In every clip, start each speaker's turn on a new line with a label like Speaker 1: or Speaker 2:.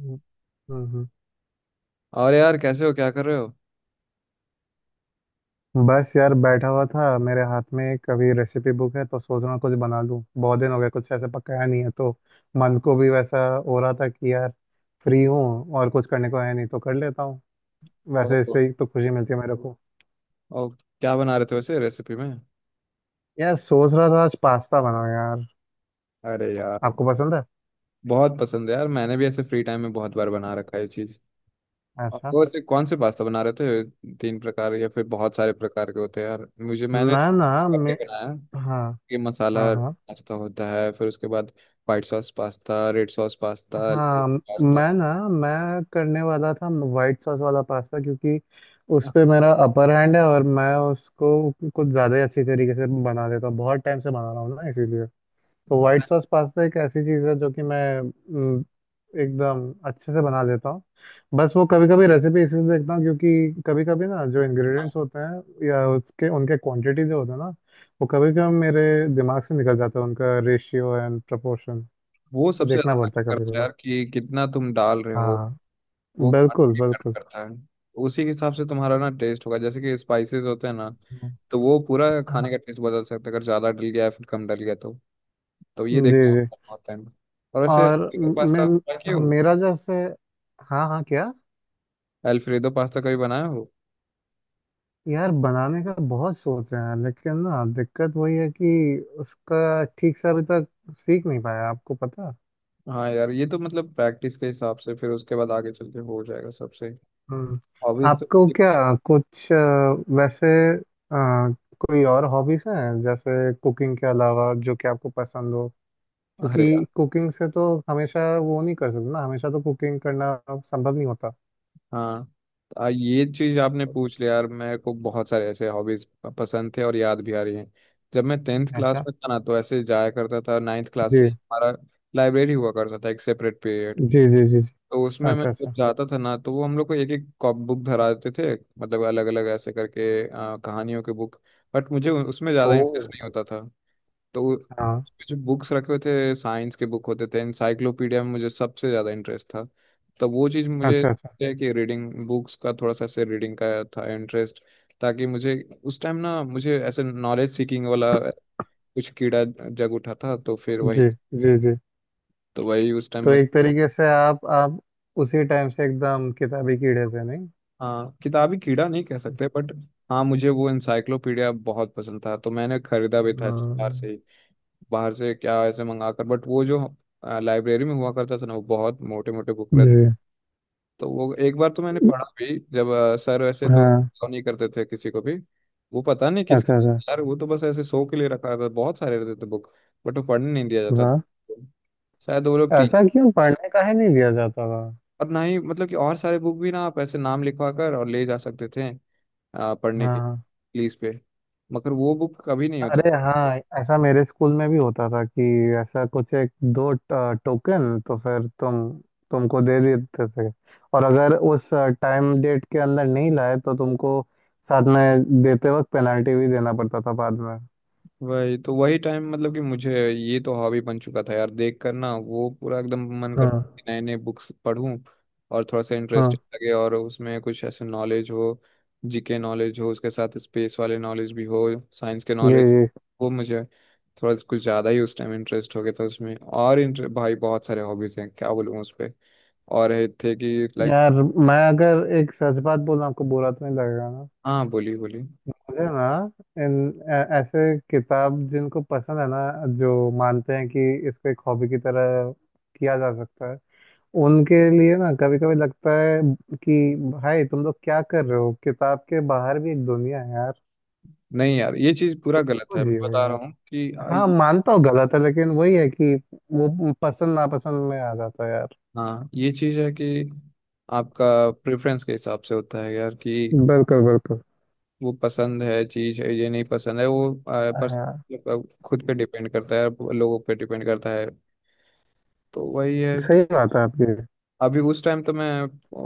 Speaker 1: हम्म। हम्म।
Speaker 2: और यार, कैसे हो? क्या कर रहे हो?
Speaker 1: बस यार, बैठा हुआ था। मेरे हाथ में एक अभी रेसिपी बुक है तो सोच रहा हूँ कुछ बना लूँ। बहुत दिन हो गए कुछ ऐसे पकाया नहीं है तो मन को भी वैसा हो रहा था कि यार फ्री हूँ और कुछ करने को है नहीं तो कर लेता हूँ। वैसे
Speaker 2: ओह,
Speaker 1: इससे ही तो खुशी मिलती है मेरे को।
Speaker 2: और क्या बना रहे थे वैसे रेसिपी में?
Speaker 1: यार सोच रहा था आज पास्ता बनाऊँ यार।
Speaker 2: अरे यार।
Speaker 1: आपको पसंद है?
Speaker 2: बहुत पसंद है यार, मैंने भी ऐसे फ्री टाइम में बहुत बार बना रखा है ये चीज। और
Speaker 1: अच्छा।
Speaker 2: वो ऐसे कौन से पास्ता बना रहे थे? तीन प्रकार या फिर बहुत सारे प्रकार के होते हैं यार, मुझे मैंने
Speaker 1: मैं ना
Speaker 2: अपने
Speaker 1: मैं
Speaker 2: बनाया
Speaker 1: हाँ।
Speaker 2: कि
Speaker 1: हाँ
Speaker 2: मसाला
Speaker 1: हाँ
Speaker 2: पास्ता होता है, फिर उसके बाद white sauce pasta, red sauce pasta,
Speaker 1: हाँ।
Speaker 2: पास्ता।
Speaker 1: मैं करने वाला था वाइट सॉस वाला पास्ता, क्योंकि उस पे मेरा अपर हैंड है और मैं उसको कुछ ज़्यादा ही अच्छी तरीके से बना लेता हूँ। बहुत टाइम से बना रहा हूँ ना इसीलिए। तो वाइट सॉस पास्ता एक ऐसी चीज़ है जो कि मैं एकदम अच्छे से बना लेता हूँ। बस वो कभी कभी रेसिपी इसलिए देखता हूँ क्योंकि कभी कभी ना जो इंग्रेडिएंट्स होते हैं या उसके उनके क्वांटिटी जो होते हैं ना वो कभी कभी मेरे दिमाग से निकल जाता है, उनका रेशियो एंड प्रपोर्शन।
Speaker 2: वो
Speaker 1: तो
Speaker 2: सबसे
Speaker 1: देखना
Speaker 2: ज्यादा
Speaker 1: पड़ता है
Speaker 2: matter
Speaker 1: कभी
Speaker 2: करता है
Speaker 1: कभी।
Speaker 2: यार, कि कितना तुम डाल रहे हो।
Speaker 1: हाँ,
Speaker 2: वो
Speaker 1: बिल्कुल
Speaker 2: काफी मैटर
Speaker 1: बिल्कुल।
Speaker 2: करता है। उसी के हिसाब से तुम्हारा ना टेस्ट होगा, जैसे कि स्पाइसेस होते हैं ना,
Speaker 1: हम्म।
Speaker 2: तो वो पूरा खाने
Speaker 1: हाँ।
Speaker 2: का टेस्ट बदल सकता है अगर ज़्यादा डल गया या फिर कम डल गया तो। तो ये
Speaker 1: जी
Speaker 2: देखना
Speaker 1: जी।
Speaker 2: होता है बहुत time। और वैसे,
Speaker 1: और मैं,
Speaker 2: पास्ता बनाए
Speaker 1: हाँ,
Speaker 2: हो?
Speaker 1: मेरा जैसे, हाँ हाँ क्या।
Speaker 2: एल्फ्रेडो पास्ता कभी बनाया हो?
Speaker 1: यार बनाने का बहुत सोच है यार, लेकिन ना दिक्कत वही है कि उसका ठीक से अभी तक सीख नहीं पाया, आपको पता।
Speaker 2: हाँ यार, ये तो मतलब प्रैक्टिस के हिसाब से फिर उसके बाद आगे चल के हो जाएगा सबसे
Speaker 1: हम्म।
Speaker 2: हॉबीज तो।
Speaker 1: आपको क्या कुछ वैसे अ, कोई और हॉबीज हैं जैसे कुकिंग के अलावा, जो कि आपको पसंद हो?
Speaker 2: अरे यार।
Speaker 1: क्योंकि कुकिंग से तो हमेशा वो नहीं कर सकते ना, हमेशा तो कुकिंग करना संभव नहीं होता।
Speaker 2: हाँ। तो ये चीज आपने पूछ लिया यार, मेरे को बहुत सारे ऐसे हॉबीज पसंद थे और याद भी आ रही हैं। जब मैं टेंथ क्लास
Speaker 1: ऐसा?
Speaker 2: में था ना, तो ऐसे जाया करता था। नाइन्थ
Speaker 1: जी
Speaker 2: क्लास से हमारा लाइब्रेरी हुआ करता था, एक सेपरेट पीरियड।
Speaker 1: जी जी जी। जी।
Speaker 2: तो उसमें मैं
Speaker 1: अच्छा
Speaker 2: जब
Speaker 1: अच्छा।
Speaker 2: जाता था ना, तो वो हम लोग को एक एक बुक धरा देते थे। मतलब अलग अलग ऐसे करके कहानियों के बुक। बट मुझे उसमें
Speaker 1: ओ।
Speaker 2: ज़्यादा इंटरेस्ट नहीं होता था। तो
Speaker 1: हाँ।
Speaker 2: जो बुक्स रखे हुए थे साइंस के बुक होते थे, इंसाइक्लोपीडिया में मुझे सबसे ज़्यादा इंटरेस्ट था। तो वो चीज़ मुझे
Speaker 1: अच्छा अच्छा।
Speaker 2: है कि रीडिंग बुक्स का थोड़ा सा, से रीडिंग का था इंटरेस्ट, ताकि मुझे उस टाइम ना मुझे ऐसे नॉलेज सीकिंग वाला कुछ कीड़ा जग उठा था, तो फिर वही,
Speaker 1: जी जी जी।
Speaker 2: तो वही उस टाइम
Speaker 1: तो
Speaker 2: में।
Speaker 1: एक तरीके से आप उसी टाइम से एकदम किताबी कीड़े थे नहीं?
Speaker 2: हाँ, किताबी कीड़ा नहीं कह सकते बट हाँ, मुझे वो इंसाइक्लोपीडिया बहुत पसंद था, तो मैंने खरीदा भी था ऐसे बाहर से
Speaker 1: हाँ,
Speaker 2: ही। बाहर से क्या, ऐसे मंगा कर। बट वो जो लाइब्रेरी में हुआ करता था ना, वो बहुत मोटे मोटे बुक,
Speaker 1: जी।
Speaker 2: तो वो एक बार तो मैंने पढ़ा भी, जब सर वैसे तो
Speaker 1: हाँ।
Speaker 2: allow नहीं करते थे किसी को भी। वो पता नहीं किसके
Speaker 1: अच्छा अच्छा।
Speaker 2: लिए यार, वो तो बस ऐसे शो के लिए रखा था, बहुत सारे रहते थे बुक। बट वो पढ़ने नहीं दिया जाता था।
Speaker 1: वाह।
Speaker 2: शायद वो लोग टीचर।
Speaker 1: ऐसा क्यों? पढ़ने का ही नहीं लिया जाता था?
Speaker 2: और ना ही मतलब कि और सारे बुक भी ना, आप ऐसे नाम लिखवा कर और ले जा सकते थे पढ़ने के
Speaker 1: हाँ।
Speaker 2: Please pay. मगर वो बुक कभी नहीं होता।
Speaker 1: अरे हाँ, ऐसा मेरे स्कूल में भी होता था कि ऐसा कुछ एक दो टोकन तो फिर तुमको दे देते थे, और अगर उस टाइम डेट के अंदर नहीं लाए तो तुमको साथ में देते वक्त पेनल्टी भी देना पड़ता था बाद में।
Speaker 2: वही तो, वही टाइम मतलब कि मुझे ये तो हॉबी बन चुका था यार, देख कर ना वो पूरा एकदम मन
Speaker 1: हाँ
Speaker 2: करता है कि नए नए बुक्स पढूं और थोड़ा सा
Speaker 1: हाँ।
Speaker 2: इंटरेस्टिंग लगे और उसमें कुछ ऐसे नॉलेज हो, जीके नॉलेज हो, उसके साथ स्पेस वाले नॉलेज भी हो, साइंस के नॉलेज।
Speaker 1: जी जी।
Speaker 2: वो मुझे थोड़ा कुछ ज़्यादा ही उस टाइम इंटरेस्ट हो गया था उसमें। और इंटर भाई बहुत सारे हॉबीज़ हैं, क्या बोलूँ उस पर। और ये थे कि लाइक।
Speaker 1: यार मैं अगर एक सच बात बोलूं, आपको बुरा तो नहीं लगेगा ना?
Speaker 2: हाँ, बोली बोली।
Speaker 1: मुझे ना इन ऐसे किताब जिनको पसंद है ना, जो मानते हैं कि इसको एक हॉबी की तरह किया जा सकता है, उनके लिए ना कभी कभी लगता है कि भाई तुम लोग क्या कर रहे हो, किताब के बाहर भी एक दुनिया है यार,
Speaker 2: नहीं यार, ये चीज़ पूरा गलत
Speaker 1: तो
Speaker 2: है, मैं
Speaker 1: जियो
Speaker 2: बता रहा
Speaker 1: यार।
Speaker 2: हूँ
Speaker 1: हाँ
Speaker 2: कि
Speaker 1: मानता हूँ गलत है, लेकिन वही है कि वो पसंद नापसंद में आ जाता है यार।
Speaker 2: हाँ, ये चीज़ है कि आपका प्रेफरेंस के हिसाब से होता है यार कि
Speaker 1: बिल्कुल बिल्कुल।
Speaker 2: वो पसंद है चीज़ है, ये नहीं पसंद है, वो पर
Speaker 1: हाँ
Speaker 2: मतलब खुद पे डिपेंड करता है, लोगों पे डिपेंड करता है। तो वही है।
Speaker 1: सही बात है आपकी।
Speaker 2: अभी उस टाइम तो मैं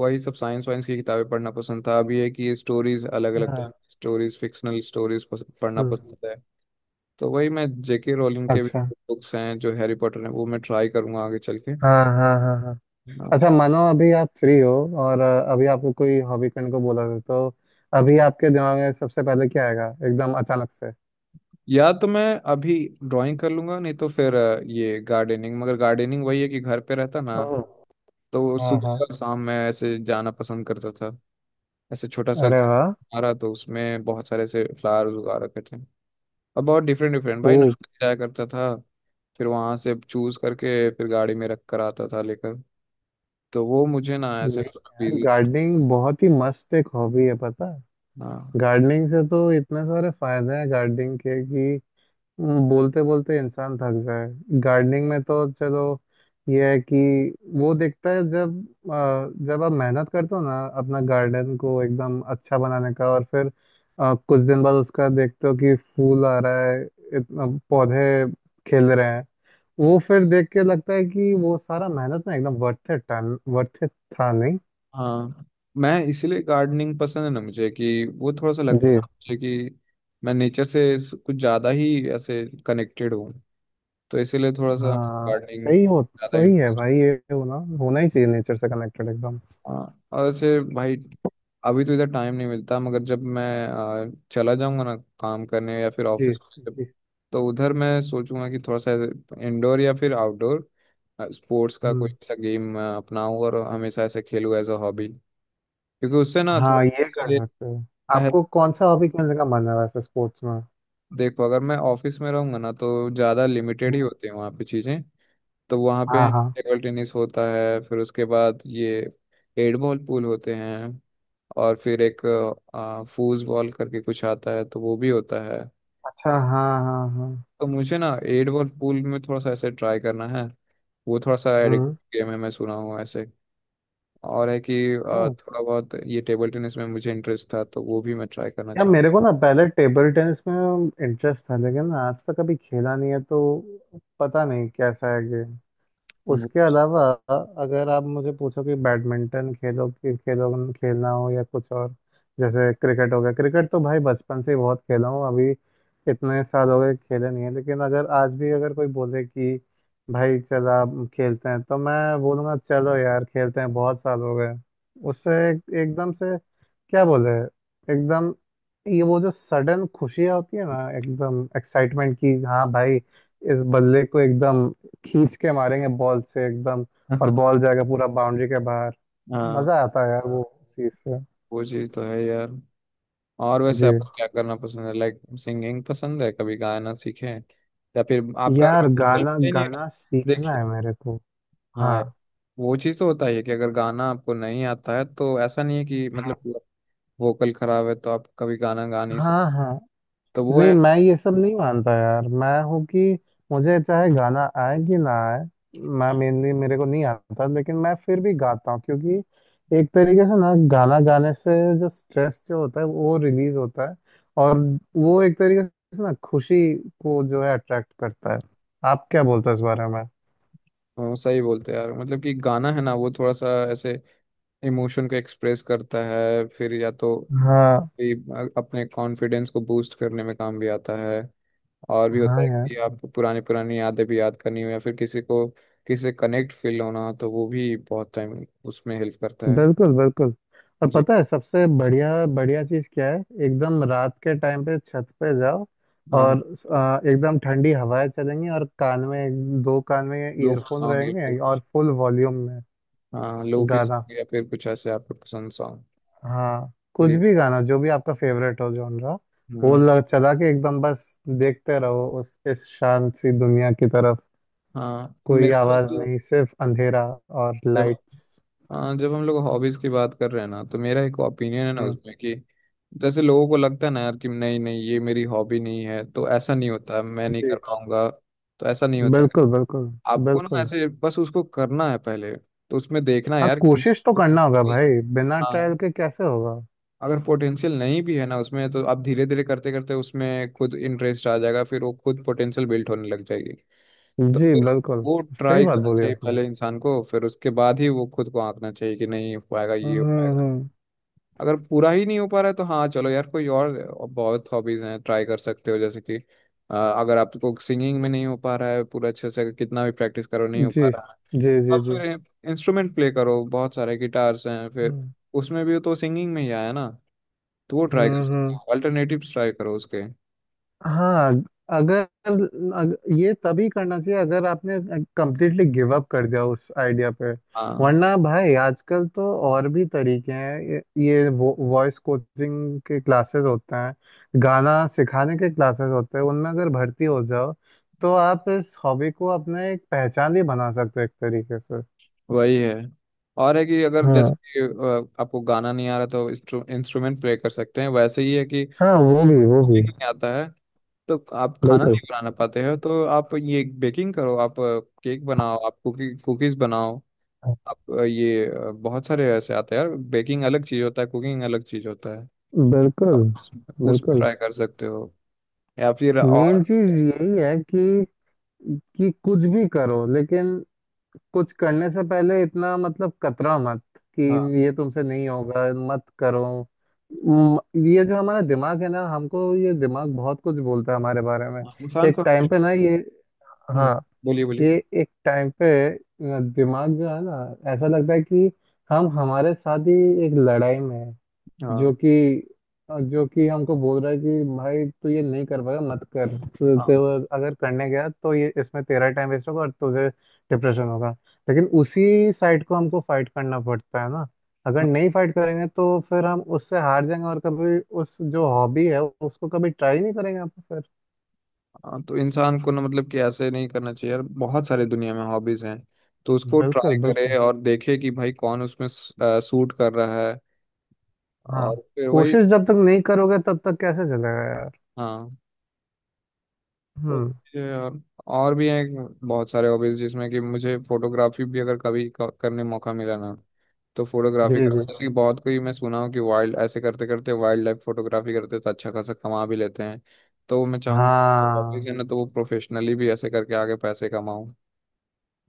Speaker 2: वही सब साइंस वाइंस की किताबें पढ़ना पसंद था। अभी है कि स्टोरीज, अलग अलग
Speaker 1: हाँ।
Speaker 2: स्टोरीज, फिक्शनल स्टोरीज पढ़ना
Speaker 1: हम्म।
Speaker 2: पसंद है। तो वही, मैं जेके रोलिंग के भी
Speaker 1: अच्छा।
Speaker 2: बुक्स हैं जो हैरी पॉटर हैं, वो मैं ट्राई करूंगा आगे चल के।
Speaker 1: हाँ हाँ हाँ हाँ। अच्छा,
Speaker 2: हाँ।
Speaker 1: मानो अभी आप फ्री हो और अभी आपको कोई हॉबी करने को बोला था, तो अभी आपके दिमाग में सबसे पहले क्या आएगा एकदम अचानक से?
Speaker 2: या तो मैं अभी ड्राइंग कर लूंगा, नहीं तो फिर ये गार्डनिंग। मगर गार्डनिंग वही है कि घर पे रहता ना,
Speaker 1: ओह।
Speaker 2: तो
Speaker 1: हाँ
Speaker 2: सुबह
Speaker 1: हाँ।
Speaker 2: और शाम में ऐसे जाना पसंद करता था। ऐसे छोटा सा
Speaker 1: अरे वाह।
Speaker 2: हमारा तो, उसमें बहुत सारे ऐसे फ्लावर्स उगा रखे थे। और बहुत डिफरेंट डिफरेंट
Speaker 1: ओ।
Speaker 2: भाई, नर्सरी जाया करता था। फिर वहां से चूज करके फिर गाड़ी में रख कर आता था लेकर। तो वो मुझे ना ऐसे
Speaker 1: नहीं यार,
Speaker 2: बिजी रहना।
Speaker 1: गार्डनिंग बहुत ही मस्त एक हॉबी है पता है।
Speaker 2: हाँ।
Speaker 1: गार्डनिंग से तो इतने सारे फायदे हैं गार्डनिंग के कि बोलते बोलते इंसान थक जाए। गार्डनिंग में तो चलो ये है कि वो दिखता है जब जब आप मेहनत करते हो ना अपना गार्डन को एकदम अच्छा बनाने का, और फिर कुछ दिन बाद उसका देखते हो कि फूल आ रहा है, इतना पौधे खिल रहे हैं, वो फिर देख के लगता है कि वो सारा मेहनत ना एकदम वर्थ इट था। वर्थ इट था नहीं
Speaker 2: हाँ मैं इसीलिए गार्डनिंग पसंद है ना मुझे, कि वो थोड़ा सा लगता है
Speaker 1: जी।
Speaker 2: मुझे कि मैं नेचर से कुछ ज़्यादा ही ऐसे कनेक्टेड हूँ। तो इसीलिए थोड़ा सा
Speaker 1: हाँ।
Speaker 2: गार्डनिंग
Speaker 1: सही हो।
Speaker 2: ज़्यादा
Speaker 1: सही है
Speaker 2: इंटरेस्ट।
Speaker 1: भाई, ये होना होना ही चाहिए नेचर से कनेक्टेड एकदम।
Speaker 2: हाँ और ऐसे भाई, अभी तो इधर टाइम नहीं मिलता, मगर जब मैं चला जाऊंगा ना काम करने या फिर
Speaker 1: जी
Speaker 2: ऑफिस,
Speaker 1: जी।
Speaker 2: तो उधर मैं सोचूंगा कि थोड़ा सा इंडोर या फिर आउटडोर स्पोर्ट्स का कोई
Speaker 1: हम्म।
Speaker 2: सा गेम अपनाऊं और हमेशा ऐसे खेलूं एज अ हॉबी, क्योंकि उससे ना थोड़ा।
Speaker 1: हाँ ये कर सकते हो। आपको कौन सा हॉबी खेलने का मन है वैसे स्पोर्ट्स में?
Speaker 2: देखो, अगर मैं ऑफिस में रहूंगा ना, तो ज़्यादा लिमिटेड ही होती है वहाँ पे चीज़ें। तो वहाँ पे
Speaker 1: हाँ हाँ।
Speaker 2: टेबल टेनिस होता है, फिर उसके बाद ये एट बॉल पूल होते हैं, और फिर एक फूज बॉल करके कुछ आता है, तो वो भी होता है।
Speaker 1: अच्छा हाँ हाँ हाँ।
Speaker 2: तो मुझे ना एट बॉल पूल में थोड़ा सा ऐसे ट्राई करना है। वो थोड़ा सा
Speaker 1: हम्म।
Speaker 2: एडिक्टिव गेम है, मैं सुना हूँ ऐसे। और है कि
Speaker 1: ओ,
Speaker 2: थोड़ा बहुत ये टेबल टेनिस में मुझे इंटरेस्ट था, तो वो भी मैं ट्राई करना
Speaker 1: यार
Speaker 2: चाहूँ।
Speaker 1: मेरे को ना पहले टेबल टेनिस में इंटरेस्ट था, लेकिन आज तक कभी खेला नहीं है तो पता नहीं कैसा है।
Speaker 2: वो-
Speaker 1: उसके अलावा अगर आप मुझे पूछो कि बैडमिंटन खेलो कि खेलो, खेलना हो या कुछ और, जैसे क्रिकेट हो गया। क्रिकेट तो भाई बचपन से ही बहुत खेला हूँ। अभी इतने साल हो गए खेले नहीं है, लेकिन अगर आज भी अगर कोई बोले कि भाई चल आप खेलते हैं, तो मैं बोलूँगा चलो यार खेलते हैं, बहुत साल हो गए। उससे एक, एकदम से, क्या बोले, एकदम, ये वो जो सडन खुशियाँ होती है ना एकदम एक्साइटमेंट की। हाँ
Speaker 2: हाँ।
Speaker 1: भाई, इस बल्ले को एकदम खींच के मारेंगे बॉल से एकदम, और बॉल जाएगा पूरा बाउंड्री के बाहर।
Speaker 2: हाँ,
Speaker 1: मजा आता है यार वो हाँ चीज से।
Speaker 2: वो चीज़ तो है यार। और
Speaker 1: जी।
Speaker 2: वैसे आपको क्या करना पसंद है? लाइक सिंगिंग पसंद है? कभी गाना सीखे हैं? या फिर आपका अगर
Speaker 1: यार
Speaker 2: बिल्कुल
Speaker 1: गाना,
Speaker 2: भी नहीं है ना?
Speaker 1: गाना सीखना
Speaker 2: देखिए,
Speaker 1: है मेरे को।
Speaker 2: हाँ यार,
Speaker 1: हाँ
Speaker 2: वो चीज़ तो होता ही है कि अगर गाना आपको नहीं आता है तो ऐसा नहीं है कि मतलब वोकल खराब है तो आप कभी गाना गा नहीं सकते।
Speaker 1: हाँ हाँ।
Speaker 2: तो वो है।
Speaker 1: नहीं, मैं ये सब नहीं मानता यार। मैं हूँ कि मुझे चाहे गाना आए कि ना आए, मैं, मेनली मेरे को नहीं आता, लेकिन मैं फिर भी गाता हूँ क्योंकि एक तरीके से ना गाना गाने से जो स्ट्रेस जो होता है वो रिलीज होता है, और वो एक तरीके से ना खुशी को जो है अट्रैक्ट करता है। आप क्या बोलते हो इस बारे में?
Speaker 2: वो सही बोलते हैं यार, मतलब कि गाना है ना वो थोड़ा सा ऐसे इमोशन को एक्सप्रेस करता है, फिर या तो
Speaker 1: हाँ।
Speaker 2: ये अपने कॉन्फिडेंस को बूस्ट करने में काम भी आता है। और भी होता
Speaker 1: हाँ
Speaker 2: है कि
Speaker 1: यार।
Speaker 2: आप पुरानी पुरानी यादें भी याद करनी हो या फिर किसी को, किसी से कनेक्ट फील होना हो, तो वो भी बहुत टाइम उसमें हेल्प करता है।
Speaker 1: बिल्कुल बिल्कुल। और
Speaker 2: जी।
Speaker 1: पता है सबसे बढ़िया बढ़िया चीज़ क्या है? एकदम रात के टाइम पे छत पे जाओ,
Speaker 2: हाँ
Speaker 1: और
Speaker 2: हाँ,
Speaker 1: एकदम ठंडी हवाएं चलेंगी और कान में, दो कान में
Speaker 2: लोफी
Speaker 1: ईयरफोन
Speaker 2: सॉन्ग या
Speaker 1: रहेंगे
Speaker 2: फिर
Speaker 1: और फुल वॉल्यूम में
Speaker 2: हाँ लोफी
Speaker 1: गाना।
Speaker 2: सॉन्ग या फिर कुछ ऐसे आपको पसंद सॉन्ग।
Speaker 1: हाँ कुछ
Speaker 2: गरीब।
Speaker 1: भी गाना, जो भी आपका फेवरेट हो जॉनरा,
Speaker 2: हम्म।
Speaker 1: चला के एकदम बस देखते रहो उस इस शांत सी दुनिया की तरफ।
Speaker 2: हाँ,
Speaker 1: कोई
Speaker 2: मेरा तो
Speaker 1: आवाज
Speaker 2: जो
Speaker 1: हाँ नहीं, सिर्फ अंधेरा और
Speaker 2: जब,
Speaker 1: लाइट्स।
Speaker 2: हाँ जब हम लोग हॉबीज की बात कर रहे हैं ना, तो मेरा एक ओपिनियन है ना
Speaker 1: हम्म।
Speaker 2: उसमें कि जैसे लोगों को लगता है ना यार कि नहीं नहीं ये मेरी हॉबी नहीं है तो ऐसा नहीं होता, मैं नहीं
Speaker 1: जी।
Speaker 2: कर पाऊंगा। तो ऐसा नहीं होता।
Speaker 1: बिल्कुल बिल्कुल।
Speaker 2: आपको ना
Speaker 1: बिल्कुल।
Speaker 2: ऐसे बस उसको करना है, पहले तो उसमें देखना है
Speaker 1: हाँ
Speaker 2: यार कि
Speaker 1: कोशिश तो
Speaker 2: मेरे
Speaker 1: करना होगा भाई, बिना ट्रायल
Speaker 2: हाँ।
Speaker 1: के कैसे होगा।
Speaker 2: अगर पोटेंशियल नहीं भी है ना उसमें, तो आप धीरे धीरे करते करते उसमें खुद इंटरेस्ट आ जाएगा, फिर वो खुद पोटेंशियल बिल्ड होने लग जाएगी। तो
Speaker 1: जी
Speaker 2: फिर
Speaker 1: बिल्कुल।
Speaker 2: वो
Speaker 1: सही
Speaker 2: ट्राई
Speaker 1: बात
Speaker 2: करना
Speaker 1: बोली
Speaker 2: चाहिए
Speaker 1: आपने।
Speaker 2: पहले इंसान को, फिर उसके बाद ही वो खुद को आंकना चाहिए कि नहीं हो पाएगा ये हो पाएगा।
Speaker 1: हम्म।
Speaker 2: अगर पूरा ही नहीं हो पा रहा है तो हाँ, चलो यार कोई और, बहुत हॉबीज हैं, ट्राई कर सकते हो जैसे कि अगर आपको सिंगिंग में नहीं हो पा रहा है पूरा अच्छे से, अगर कितना भी प्रैक्टिस करो नहीं हो पा
Speaker 1: जी
Speaker 2: रहा है,
Speaker 1: जी जी
Speaker 2: आप
Speaker 1: जी।
Speaker 2: फिर इंस्ट्रूमेंट प्ले करो, बहुत सारे गिटार्स हैं, फिर
Speaker 1: हम्म।
Speaker 2: उसमें भी तो सिंगिंग में ही आया ना। तो वो ट्राई कर सकते
Speaker 1: हम्म।
Speaker 2: हो, अल्टरनेटिव्स ट्राई करो उसके।
Speaker 1: हाँ अगर, ये तभी करना चाहिए अगर आपने कंप्लीटली गिव अप कर दिया उस आइडिया पे।
Speaker 2: हाँ,
Speaker 1: वरना भाई आजकल तो और भी तरीके हैं, ये वॉइस कोचिंग के क्लासेस होते हैं, गाना सिखाने के क्लासेस होते हैं, उनमें अगर भर्ती हो जाओ तो आप इस हॉबी को अपने एक पहचान भी बना सकते हो एक तरीके से।
Speaker 2: वही है। और है कि अगर जैसे
Speaker 1: हाँ।
Speaker 2: कि आपको गाना नहीं आ रहा तो इंस्ट्रूमेंट प्ले कर सकते हैं, वैसे ही है कि
Speaker 1: हाँ वो भी।
Speaker 2: कुकिंग नहीं आता है, तो आप खाना
Speaker 1: बिल्कुल
Speaker 2: नहीं बना पाते हो, तो आप ये बेकिंग करो, आप केक बनाओ, आप कुकी कुकीज बनाओ। आप ये बहुत सारे ऐसे आते हैं यार, बेकिंग अलग चीज़ होता है, कुकिंग अलग चीज़ होता है।
Speaker 1: बिल्कुल।
Speaker 2: आप उस पर
Speaker 1: बिल्कुल।
Speaker 2: ट्राई कर सकते हो। या फिर
Speaker 1: मेन
Speaker 2: और,
Speaker 1: चीज यही है कि कुछ भी करो, लेकिन कुछ करने से पहले इतना, मतलब, कतरा मत कि
Speaker 2: हाँ
Speaker 1: ये तुमसे नहीं होगा, मत करो। म- ये जो हमारा दिमाग है ना, हमको ये दिमाग बहुत कुछ बोलता है हमारे बारे में।
Speaker 2: इंसान
Speaker 1: एक
Speaker 2: को
Speaker 1: टाइम पे ना ये, हाँ,
Speaker 2: बोलिए बोलिए।
Speaker 1: ये एक टाइम पे दिमाग जो है ना, ऐसा लगता है कि हम हमारे साथ ही एक लड़ाई में है,
Speaker 2: हाँ
Speaker 1: जो कि, जो कि हमको बोल रहा है कि भाई तू ये नहीं कर पाएगा, मत कर, तू
Speaker 2: हाँ।
Speaker 1: तू अगर करने गया तो ये, इसमें तेरा टाइम वेस्ट होगा और तुझे डिप्रेशन होगा। लेकिन उसी साइड को हमको फाइट करना पड़ता है ना, अगर
Speaker 2: हाँ,
Speaker 1: नहीं फाइट करेंगे तो फिर हम उससे हार जाएंगे और कभी उस जो हॉबी है उसको कभी ट्राई नहीं करेंगे आप फिर।
Speaker 2: हाँ, तो इंसान को ना मतलब कि ऐसे नहीं करना चाहिए यार, बहुत सारे दुनिया में हॉबीज हैं। तो उसको ट्राई
Speaker 1: बिल्कुल
Speaker 2: करे
Speaker 1: बिल्कुल।
Speaker 2: और देखे कि भाई कौन उसमें सूट कर रहा है,
Speaker 1: हाँ
Speaker 2: और फिर वही।
Speaker 1: कोशिश जब तक नहीं करोगे तब तक कैसे चलेगा यार।
Speaker 2: हाँ, तो
Speaker 1: हम्म।
Speaker 2: ये और भी हैं बहुत सारे हॉबीज, जिसमें कि मुझे फोटोग्राफी भी अगर कभी करने मौका मिला ना, तो
Speaker 1: जी
Speaker 2: फोटोग्राफी करना
Speaker 1: जी।
Speaker 2: जैसे कि बहुत कोई मैं सुना हूँ कि वाइल्ड ऐसे करते करते वाइल्ड लाइफ फोटोग्राफी करते तो अच्छा खासा कमा भी लेते हैं। तो मैं चाहूंगा कि वाकई
Speaker 1: हाँ।
Speaker 2: है ना, तो वो प्रोफेशनली भी ऐसे करके आगे पैसे कमाऊँ,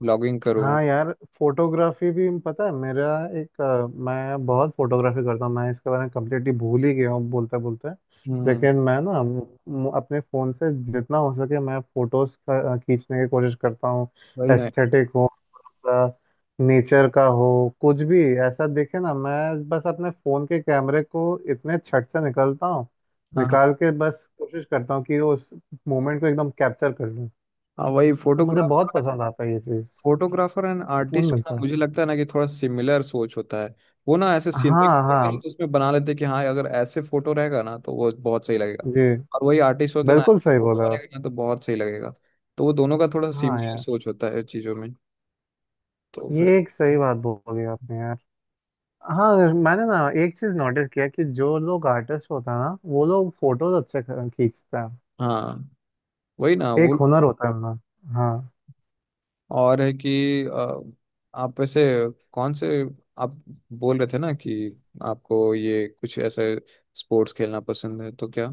Speaker 2: ब्लॉगिंग करूँ।
Speaker 1: हाँ यार फोटोग्राफी भी, पता है मेरा एक मैं बहुत फोटोग्राफी करता हूँ। मैं इसके बारे में कम्प्लीटली भूल ही गया हूँ बोलते बोलते।
Speaker 2: हम्म।
Speaker 1: लेकिन मैं ना, अपने फ़ोन से जितना हो सके मैं फ़ोटोज़ खींचने की कोशिश करता हूँ।
Speaker 2: वही ना।
Speaker 1: एस्थेटिक हो, नेचर का हो, कुछ भी ऐसा देखे ना, मैं बस अपने फ़ोन के कैमरे को इतने छट से निकलता हूँ,
Speaker 2: हाँ हाँ
Speaker 1: निकाल के बस कोशिश करता हूँ कि उस मोमेंट को एकदम कैप्चर कर लूँ।
Speaker 2: हाँ। वही
Speaker 1: तो मुझे बहुत
Speaker 2: फोटोग्राफर,
Speaker 1: पसंद आता है ये चीज़,
Speaker 2: फोटोग्राफर एंड
Speaker 1: सुकून
Speaker 2: आर्टिस्ट का ना,
Speaker 1: मिलता है।
Speaker 2: मुझे लगता है ना कि थोड़ा सिमिलर सोच होता है। वो ना ऐसे सीनरी
Speaker 1: हाँ हाँ।
Speaker 2: तो उसमें बना लेते हैं कि हाँ, अगर ऐसे फोटो रहेगा ना तो वो बहुत सही लगेगा।
Speaker 1: जी।
Speaker 2: और वही आर्टिस्ट होते ना,
Speaker 1: बिल्कुल सही
Speaker 2: फोटो
Speaker 1: बोला आप।
Speaker 2: बनेगा ना तो बहुत सही लगेगा। तो वो दोनों का थोड़ा
Speaker 1: हाँ
Speaker 2: सिमिलर
Speaker 1: यार,
Speaker 2: सोच होता है चीजों में। तो फिर,
Speaker 1: ये एक सही बात बोली आपने यार। हाँ मैंने ना एक चीज नोटिस किया कि जो लोग आर्टिस्ट होता है ना, वो लोग फोटोज अच्छे खींचते हैं।
Speaker 2: हाँ वही ना वो।
Speaker 1: एक हुनर होता है उनमें हाँ।
Speaker 2: और है कि आप वैसे कौन से, आप बोल रहे थे ना कि आपको ये कुछ ऐसे स्पोर्ट्स खेलना पसंद है, तो क्या?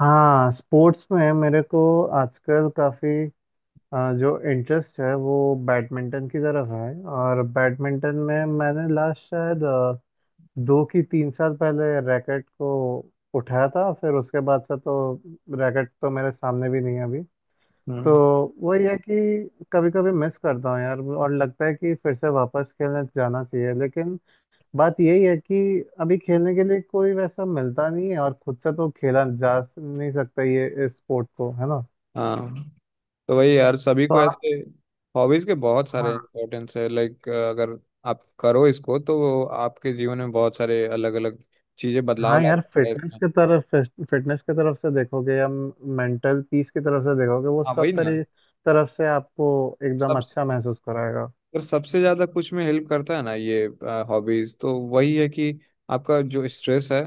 Speaker 1: हाँ स्पोर्ट्स में मेरे को आजकल काफी जो इंटरेस्ट है वो बैडमिंटन की तरफ है, और बैडमिंटन में मैंने लास्ट शायद 2 की 3 साल पहले रैकेट को उठाया था, फिर उसके बाद से तो रैकेट तो मेरे सामने भी नहीं है अभी। तो
Speaker 2: हम्म।
Speaker 1: वही है कि कभी कभी मिस करता हूँ यार और लगता है कि फिर से वापस खेलने जाना चाहिए, लेकिन बात यही है कि अभी खेलने के लिए कोई वैसा मिलता नहीं है, और खुद से तो खेला जा नहीं सकता ये इस स्पोर्ट को है ना।
Speaker 2: हाँ, तो वही यार, सभी
Speaker 1: तो
Speaker 2: को
Speaker 1: आप,
Speaker 2: ऐसे हॉबीज के बहुत सारे
Speaker 1: हाँ
Speaker 2: इम्पोर्टेंस है, लाइक अगर आप करो इसको तो आपके जीवन में बहुत सारे अलग अलग चीजें बदलाव
Speaker 1: हाँ
Speaker 2: ला
Speaker 1: यार,
Speaker 2: सकता है इसमें।
Speaker 1: फिटनेस की तरफ से देखोगे या मेंटल पीस की तरफ से देखोगे, वो
Speaker 2: हाँ वही
Speaker 1: सब
Speaker 2: ना,
Speaker 1: तरी तरफ से आपको एकदम
Speaker 2: सब,
Speaker 1: अच्छा महसूस कराएगा।
Speaker 2: अगर सबसे ज्यादा कुछ में हेल्प करता है ना ये हॉबीज, तो वही है कि आपका जो स्ट्रेस है,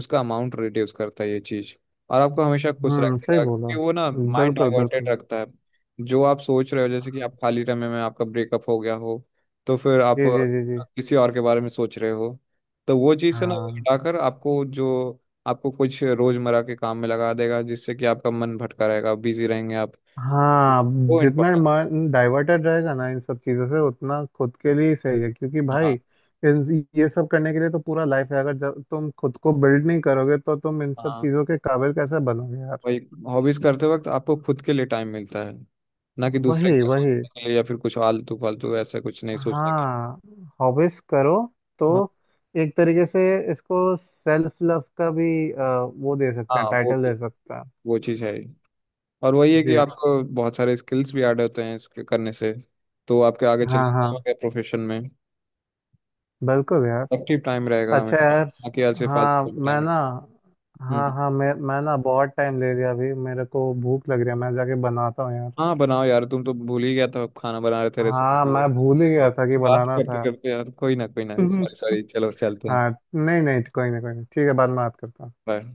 Speaker 2: उसका अमाउंट रिड्यूस करता है ये चीज। और आपको हमेशा खुश
Speaker 1: सही
Speaker 2: रखेगा,
Speaker 1: बोला।
Speaker 2: क्योंकि वो ना माइंड
Speaker 1: बिल्कुल
Speaker 2: डाइवर्टेड
Speaker 1: बिल्कुल।
Speaker 2: रखता है। जो आप सोच रहे हो जैसे कि आप खाली समय में आपका ब्रेकअप हो गया हो, तो फिर आप
Speaker 1: जी जी जी जी।
Speaker 2: किसी और के बारे में सोच रहे हो, तो वो चीज से ना वो
Speaker 1: हाँ।
Speaker 2: हटाकर आपको जो आपको कुछ रोजमर्रा के काम में लगा देगा, जिससे कि आपका मन भटका रहेगा, बिजी रहेंगे आप।
Speaker 1: हाँ
Speaker 2: वो
Speaker 1: जितना
Speaker 2: इम्पोर्टेंट।
Speaker 1: मन डाइवर्टेड रहेगा ना इन सब चीज़ों से उतना खुद के लिए ही सही है, क्योंकि भाई
Speaker 2: हाँ।
Speaker 1: इन, ये सब करने के लिए तो पूरा लाइफ है, अगर जब तुम खुद को बिल्ड नहीं करोगे तो तुम इन सब
Speaker 2: हाँ।
Speaker 1: चीज़ों के काबिल कैसे बनोगे यार।
Speaker 2: वही, हॉबीज करते वक्त आपको खुद के लिए टाइम मिलता है, ना कि दूसरे के
Speaker 1: वही
Speaker 2: लिए
Speaker 1: वही।
Speaker 2: सोचने के लिए या फिर कुछ आलतू फालतू ऐसा कुछ नहीं सोचने की।
Speaker 1: हाँ हॉबीज करो तो
Speaker 2: हाँ
Speaker 1: एक तरीके से इसको सेल्फ लव का भी वो दे सकते
Speaker 2: हाँ,
Speaker 1: हैं,
Speaker 2: वो
Speaker 1: टाइटल
Speaker 2: भी,
Speaker 1: दे सकते हैं।
Speaker 2: वो चीज़ है ही। और वही है कि
Speaker 1: जी।
Speaker 2: आपको बहुत सारे स्किल्स भी ऐड होते हैं इसके करने से, तो आपके आगे चल के
Speaker 1: हाँ हाँ
Speaker 2: काम आएगा प्रोफेशन में।
Speaker 1: बिल्कुल यार।
Speaker 2: एक्टिव टाइम रहेगा
Speaker 1: अच्छा
Speaker 2: हमेशा,
Speaker 1: यार,
Speaker 2: ना कि ऐसे
Speaker 1: हाँ
Speaker 2: फालतू
Speaker 1: मैं
Speaker 2: टाइम।
Speaker 1: ना,
Speaker 2: हम्म।
Speaker 1: हाँ हाँ, मैं ना बहुत टाइम ले लिया अभी, मेरे को भूख लग रही है, मैं जाके बनाता हूँ यार।
Speaker 2: हाँ बनाओ यार, तुम तो भूल ही गया था, खाना बना रहे थे
Speaker 1: हाँ
Speaker 2: रेसिपी।
Speaker 1: मैं भूल ही गया था कि
Speaker 2: बात
Speaker 1: बनाना
Speaker 2: करते
Speaker 1: था।
Speaker 2: करते यार, कोई ना कोई ना, सॉरी सॉरी, चलो चलते हैं।
Speaker 1: हाँ नहीं नहीं, कोई नहीं कोई नहीं, ठीक है बाद में बात करता हूँ।
Speaker 2: बाय।